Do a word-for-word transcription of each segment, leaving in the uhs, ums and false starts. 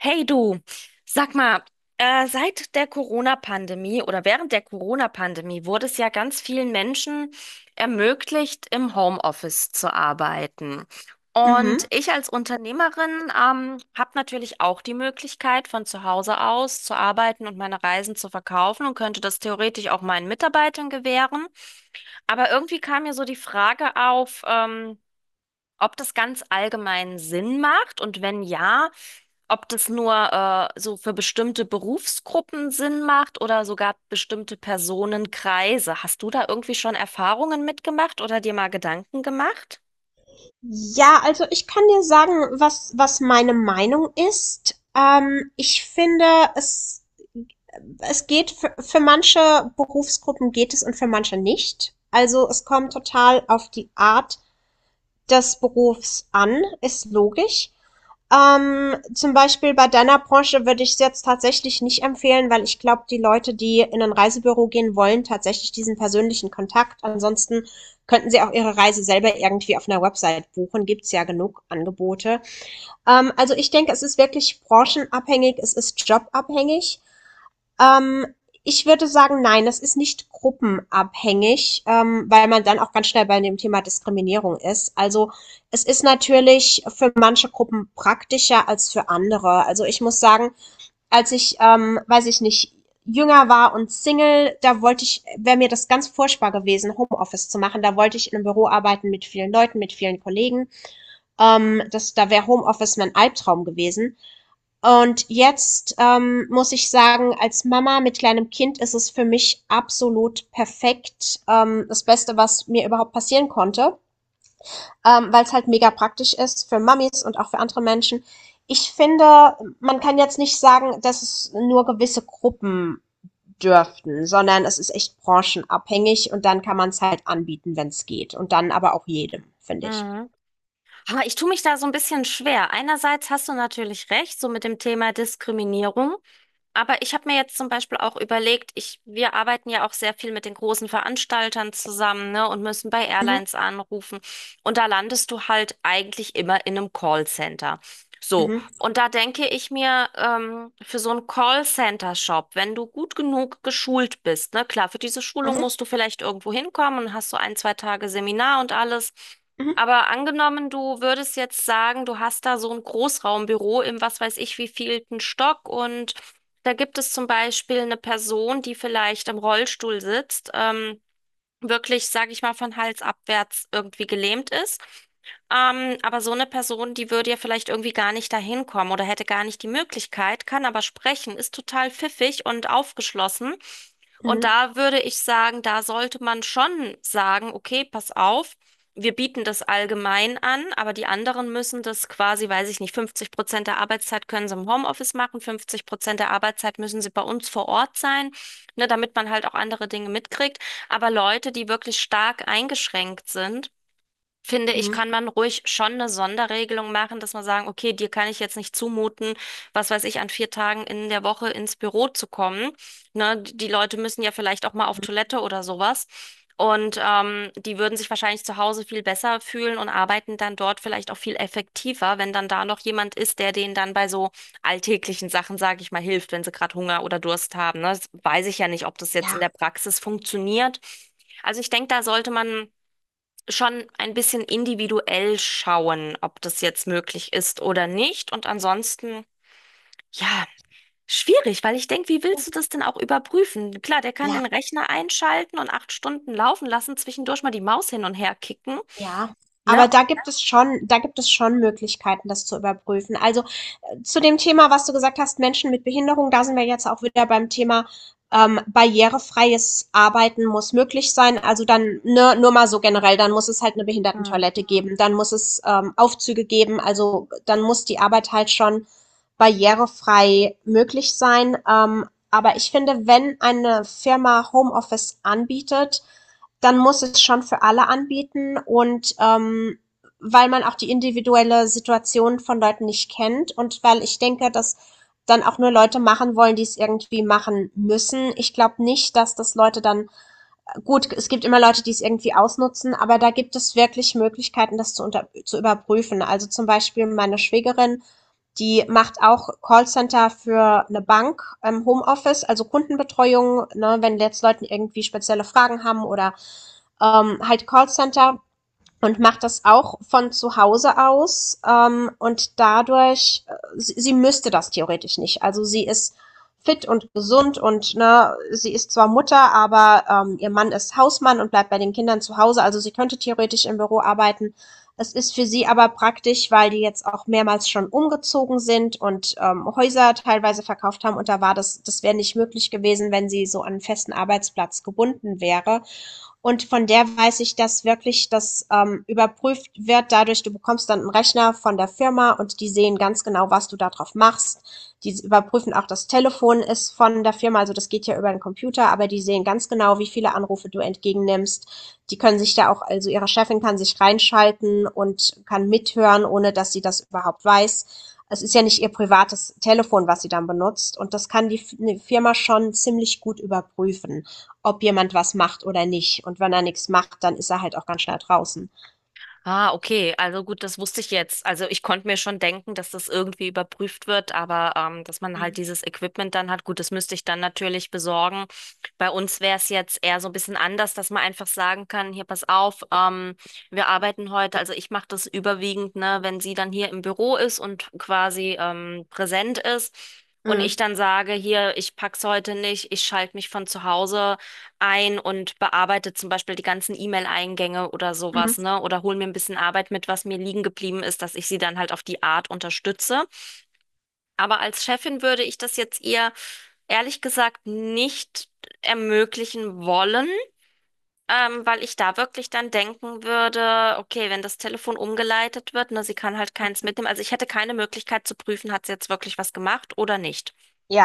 Hey du, sag mal, äh, seit der Corona-Pandemie oder während der Corona-Pandemie wurde es ja ganz vielen Menschen ermöglicht, im Homeoffice zu arbeiten. Und Mhm. ich als Unternehmerin ähm, habe natürlich auch die Möglichkeit, von zu Hause aus zu arbeiten und meine Reisen zu verkaufen und könnte das theoretisch auch meinen Mitarbeitern gewähren. Aber irgendwie kam mir so die Frage auf, ähm, ob das ganz allgemein Sinn macht und wenn ja, ob das nur äh, so für bestimmte Berufsgruppen Sinn macht oder sogar bestimmte Personenkreise. Hast du da irgendwie schon Erfahrungen mitgemacht oder dir mal Gedanken gemacht? Ja, also ich kann dir sagen, was, was meine Meinung ist. Ähm, ich finde, es, es geht für, für manche Berufsgruppen geht es und für manche nicht. Also es kommt total auf die Art des Berufs an, ist logisch. Ähm, zum Beispiel bei deiner Branche würde ich es jetzt tatsächlich nicht empfehlen, weil ich glaube, die Leute, die in ein Reisebüro gehen wollen, tatsächlich diesen persönlichen Kontakt. Ansonsten könnten sie auch ihre Reise selber irgendwie auf einer Website buchen. Gibt's ja genug Angebote. Ähm, also ich denke, es ist wirklich branchenabhängig, es ist jobabhängig. Ähm, Ich würde sagen, nein, das ist nicht gruppenabhängig, ähm, weil man dann auch ganz schnell bei dem Thema Diskriminierung ist. Also es ist natürlich für manche Gruppen praktischer als für andere. Also ich muss sagen, als ich, ähm, weiß ich nicht, jünger war und Single, da wollte ich, wäre mir das ganz furchtbar gewesen, Homeoffice zu machen. Da wollte ich in einem Büro arbeiten mit vielen Leuten, mit vielen Kollegen. Ähm, das, da wäre Homeoffice mein Albtraum gewesen. Und jetzt ähm, muss ich sagen, als Mama mit kleinem Kind ist es für mich absolut perfekt. Ähm, das Beste, was mir überhaupt passieren konnte, ähm, weil es halt mega praktisch ist für Mamis und auch für andere Menschen. Ich finde, man kann jetzt nicht sagen, dass es nur gewisse Gruppen dürften, sondern es ist echt branchenabhängig und dann kann man es halt anbieten, wenn es geht. Und dann aber auch jedem, finde ich. Mhm. Aber ich tue mich da so ein bisschen schwer. Einerseits hast du natürlich recht, so mit dem Thema Diskriminierung. Aber ich habe mir jetzt zum Beispiel auch überlegt, ich, wir arbeiten ja auch sehr viel mit den großen Veranstaltern zusammen, ne, und müssen bei Mhm, Airlines anrufen. Und da landest du halt eigentlich immer in einem Callcenter. So, mhm, und da denke ich mir, ähm, für so einen Callcenter-Shop, wenn du gut genug geschult bist, ne, klar, für diese Schulung mhm, musst du vielleicht irgendwo hinkommen und hast so ein, zwei Tage Seminar und alles. mhm, Aber angenommen, du würdest jetzt sagen, du hast da so ein Großraumbüro im was weiß ich wievielten Stock und da gibt es zum Beispiel eine Person, die vielleicht im Rollstuhl sitzt, ähm, wirklich, sage ich mal, von Hals abwärts irgendwie gelähmt ist. Ähm, aber so eine Person, die würde ja vielleicht irgendwie gar nicht dahin kommen oder hätte gar nicht die Möglichkeit, kann aber sprechen, ist total pfiffig und aufgeschlossen. Und mhm, da würde ich sagen, da sollte man schon sagen, okay, pass auf, wir bieten das allgemein an, aber die anderen müssen das quasi, weiß ich nicht, fünfzig Prozent der Arbeitszeit können sie im Homeoffice machen, fünfzig Prozent der Arbeitszeit müssen sie bei uns vor Ort sein, ne, damit man halt auch andere Dinge mitkriegt. Aber Leute, die wirklich stark eingeschränkt sind, finde mhm, ich, mhm. kann man ruhig schon eine Sonderregelung machen, dass man sagen, okay, dir kann ich jetzt nicht zumuten, was weiß ich, an vier Tagen in der Woche ins Büro zu kommen. Ne, die Leute müssen ja vielleicht auch mal auf Toilette oder sowas. Und ähm, die würden sich wahrscheinlich zu Hause viel besser fühlen und arbeiten dann dort vielleicht auch viel effektiver, wenn dann da noch jemand ist, der denen dann bei so alltäglichen Sachen, sage ich mal, hilft, wenn sie gerade Hunger oder Durst haben. Ne? Das weiß ich ja nicht, ob das jetzt in Ja, der Praxis funktioniert. Also ich denke, da sollte man schon ein bisschen individuell schauen, ob das jetzt möglich ist oder nicht. Und ansonsten, ja, schwierig, weil ich denke, wie ja, willst du das denn auch überprüfen? Klar, der kann ja. den Rechner einschalten und acht Stunden laufen lassen, zwischendurch mal die Maus hin und her kicken, Ja, aber ne? da gibt es schon da gibt es schon Möglichkeiten, das zu überprüfen. Also, äh, zu dem Thema, was du gesagt hast, Menschen mit Behinderung, da sind wir jetzt auch wieder beim Thema, ähm, barrierefreies Arbeiten muss möglich sein. Also dann, ne, nur mal so generell, dann muss es halt 'ne Behindertentoilette geben, dann muss es, ähm, Aufzüge geben, also dann muss die Arbeit halt schon barrierefrei möglich sein. Ähm, aber ich finde, wenn eine Firma Homeoffice anbietet, dann muss es schon für alle anbieten und ähm, weil man auch die individuelle Situation von Leuten nicht kennt und weil ich denke, dass dann auch nur Leute machen wollen, die es irgendwie machen müssen. Ich glaube nicht, dass das Leute dann äh, gut, es gibt immer Leute, die es irgendwie ausnutzen, aber da gibt es wirklich Möglichkeiten, das zu, unter, zu überprüfen. Also zum Beispiel meine Schwägerin, die macht auch Callcenter für eine Bank im Homeoffice, also Kundenbetreuung, ne, wenn jetzt Leute irgendwie spezielle Fragen haben oder ähm, halt Callcenter und macht das auch von zu Hause aus, ähm, und dadurch, äh, sie, sie müsste das theoretisch nicht. Also sie ist fit und gesund und ne, sie ist zwar Mutter, aber ähm, ihr Mann ist Hausmann und bleibt bei den Kindern zu Hause. Also sie könnte theoretisch im Büro arbeiten. Es ist für sie aber praktisch, weil die jetzt auch mehrmals schon umgezogen sind und ähm, Häuser teilweise verkauft haben und da war das, das wäre nicht möglich gewesen, wenn sie so an einen festen Arbeitsplatz gebunden wäre. Und von der weiß ich, dass wirklich das ähm, überprüft wird. Dadurch, du bekommst dann einen Rechner von der Firma und die sehen ganz genau, was du da drauf machst. Die überprüfen auch, das Telefon ist von der Firma, also das geht ja über den Computer, aber die sehen ganz genau, wie viele Anrufe du entgegennimmst. Die können sich da auch, also ihre Chefin kann sich reinschalten und kann mithören, ohne dass sie das überhaupt weiß. Es ist ja nicht ihr privates Telefon, was sie dann benutzt und das kann die Firma schon ziemlich gut überprüfen, ob jemand was macht oder nicht. Und wenn er nichts macht, dann ist er halt auch ganz schnell draußen. Ah, okay. Also gut, das wusste ich jetzt. Also ich konnte mir schon denken, dass das irgendwie überprüft wird, aber ähm, dass man halt Mhm. dieses Equipment dann hat, gut, das müsste ich dann natürlich besorgen. Bei uns wäre es jetzt eher so ein bisschen anders, dass man einfach sagen kann, hier, pass auf, ähm, wir arbeiten heute, also ich mache das überwiegend, ne, wenn sie dann hier im Büro ist und quasi ähm, präsent ist. Und ich dann sage, hier, ich pack's heute nicht, ich schalte mich von zu Hause ein und bearbeite zum Beispiel die ganzen E-Mail-Eingänge oder Mhm. sowas, ne? Oder hole mir ein bisschen Arbeit mit, was mir liegen geblieben ist, dass ich sie dann halt auf die Art unterstütze. Aber als Chefin würde ich das jetzt eher ehrlich gesagt nicht ermöglichen wollen, ähm, weil ich da wirklich dann denken würde, okay, wenn das Telefon umgeleitet wird, ne, sie kann halt keins mitnehmen. Also ich hätte keine Möglichkeit zu prüfen, hat sie jetzt wirklich was gemacht oder nicht.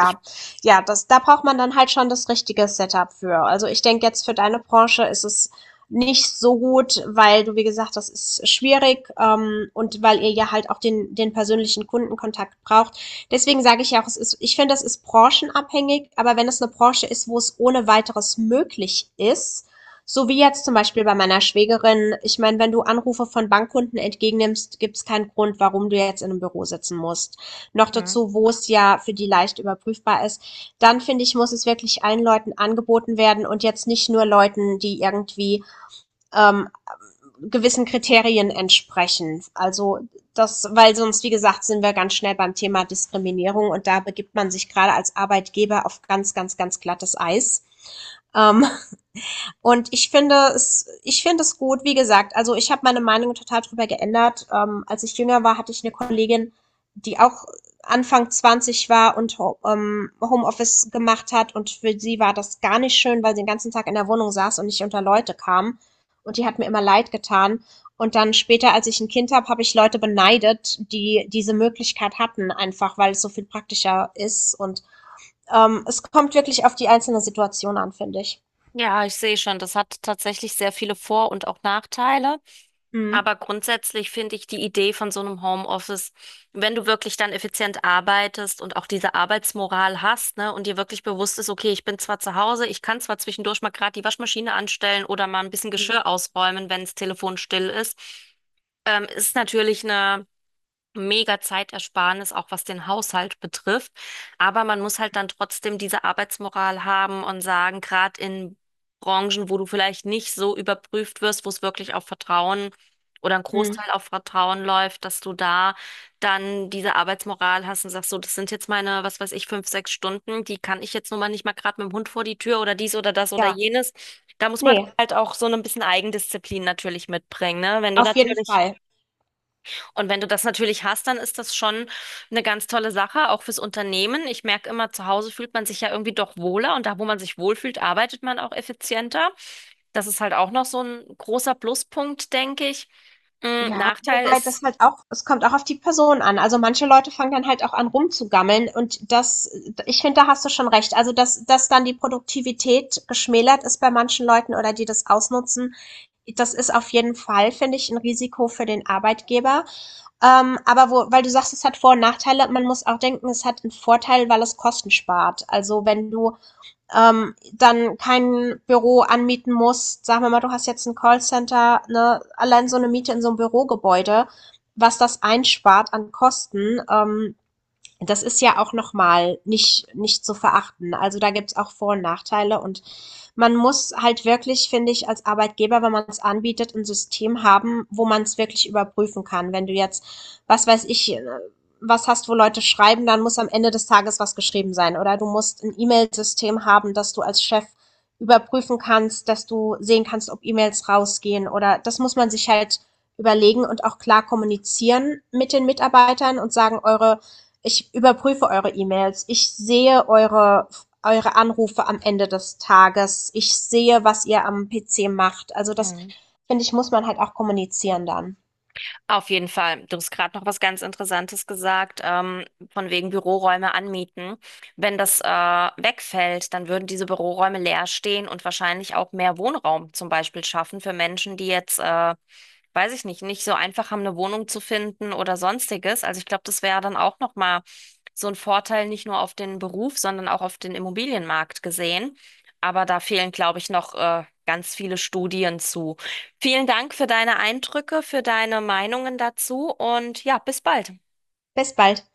Ich, ja, das, da braucht man dann halt schon das richtige Setup für. Also, ich denke jetzt für deine Branche ist es nicht so gut, weil du, wie gesagt, das ist schwierig, ähm, und weil ihr ja halt auch den den persönlichen Kundenkontakt braucht. Deswegen sage ich ja auch, es ist ich finde, das ist branchenabhängig, aber wenn es eine Branche ist, wo es ohne Weiteres möglich ist, so wie jetzt zum Beispiel bei meiner Schwägerin, ich meine, wenn du Anrufe von Bankkunden entgegennimmst, gibt es keinen Grund, warum du jetzt in einem Büro sitzen musst, noch Mhm. dazu, wo es ja für die leicht überprüfbar ist, dann finde ich, muss es wirklich allen Leuten angeboten werden und jetzt nicht nur Leuten, die irgendwie ähm, gewissen Kriterien entsprechen. Also das, weil sonst, wie gesagt, sind wir ganz schnell beim Thema Diskriminierung und da begibt man sich gerade als Arbeitgeber auf ganz, ganz, ganz glattes Eis. Ähm, und ich finde es, ich finde es gut, wie gesagt, also ich habe meine Meinung total drüber geändert. Ähm, als ich jünger war, hatte ich eine Kollegin, die auch Anfang zwanzig war und Ho- ähm, Homeoffice gemacht hat und für sie war das gar nicht schön, weil sie den ganzen Tag in der Wohnung saß und nicht unter Leute kam. Und die hat mir immer leid getan. Und dann später, als ich ein Kind habe, habe ich Leute beneidet, die diese Möglichkeit hatten, einfach weil es so viel praktischer ist. Und ähm, es kommt wirklich auf die einzelne Situation an, finde ich. Ja, ich sehe schon, das hat tatsächlich sehr viele Vor- und auch Nachteile. Mhm. Aber grundsätzlich finde ich die Idee von so einem Homeoffice, wenn du wirklich dann effizient arbeitest und auch diese Arbeitsmoral hast, ne, und dir wirklich bewusst ist, okay, ich bin zwar zu Hause, ich kann zwar zwischendurch mal gerade die Waschmaschine anstellen oder mal ein bisschen Mhm. Geschirr ausräumen, wenn das Telefon still ist, ähm, ist natürlich eine mega Zeitersparnis, auch was den Haushalt betrifft. Aber man muss halt dann trotzdem diese Arbeitsmoral haben und sagen, gerade in Branchen, wo du vielleicht nicht so überprüft wirst, wo es wirklich auf Vertrauen oder ein Großteil auf Vertrauen läuft, dass du da dann diese Arbeitsmoral hast und sagst, so, das sind jetzt meine, was weiß ich, fünf, sechs Stunden, die kann ich jetzt nun mal nicht mal gerade mit dem Hund vor die Tür oder dies oder das oder Ja, jenes. Da muss man ne, halt auch so ein bisschen Eigendisziplin natürlich mitbringen, ne? Wenn du auf jeden natürlich Fall. Und wenn du das natürlich hast, dann ist das schon eine ganz tolle Sache, auch fürs Unternehmen. Ich merke immer, zu Hause fühlt man sich ja irgendwie doch wohler und da, wo man sich wohlfühlt, arbeitet man auch effizienter. Das ist halt auch noch so ein großer Pluspunkt, denke ich. Mm, Ja, Nachteil wobei ist das halt auch, es kommt auch auf die Person an. Also, manche Leute fangen dann halt auch an rumzugammeln und das ich finde, da hast du schon recht. Also, dass dass dann die Produktivität geschmälert ist bei manchen Leuten oder die das ausnutzen, das ist auf jeden Fall, finde ich, ein Risiko für den Arbeitgeber. Ähm, aber wo weil du sagst, es hat Vor- und Nachteile, man muss auch denken, es hat einen Vorteil, weil es Kosten spart. Also, wenn du ähm, dann kein Büro anmieten musst. Sagen wir mal, du hast jetzt ein Callcenter, ne, allein so eine Miete in so einem Bürogebäude, was das einspart an Kosten, ähm, das ist ja auch nochmal nicht, nicht zu verachten. Also da gibt's auch Vor- und Nachteile und man muss halt wirklich, finde ich, als Arbeitgeber, wenn man es anbietet, ein System haben, wo man es wirklich überprüfen kann. Wenn du jetzt, was weiß ich, äh, was hast, wo Leute schreiben, dann muss am Ende des Tages was geschrieben sein. Oder du musst ein E-Mail-System haben, dass du als Chef überprüfen kannst, dass du sehen kannst, ob E-Mails rausgehen. Oder das muss man sich halt überlegen und auch klar kommunizieren mit den Mitarbeitern und sagen, eure ich überprüfe eure E-Mails. Ich sehe eure, eure Anrufe am Ende des Tages. Ich sehe, was ihr am P C macht. Also das, Mhm. finde ich, muss man halt auch kommunizieren dann. Auf jeden Fall, du hast gerade noch was ganz Interessantes gesagt, ähm, von wegen Büroräume anmieten. Wenn das äh, wegfällt, dann würden diese Büroräume leer stehen und wahrscheinlich auch mehr Wohnraum zum Beispiel schaffen für Menschen, die jetzt äh, weiß ich nicht, nicht so einfach haben, eine Wohnung zu finden oder sonstiges. Also ich glaube, das wäre dann auch nochmal so ein Vorteil, nicht nur auf den Beruf, sondern auch auf den Immobilienmarkt gesehen. Aber da fehlen, glaube ich, noch äh, ganz viele Studien zu. Vielen Dank für deine Eindrücke, für deine Meinungen dazu und ja, bis bald. Bis bald.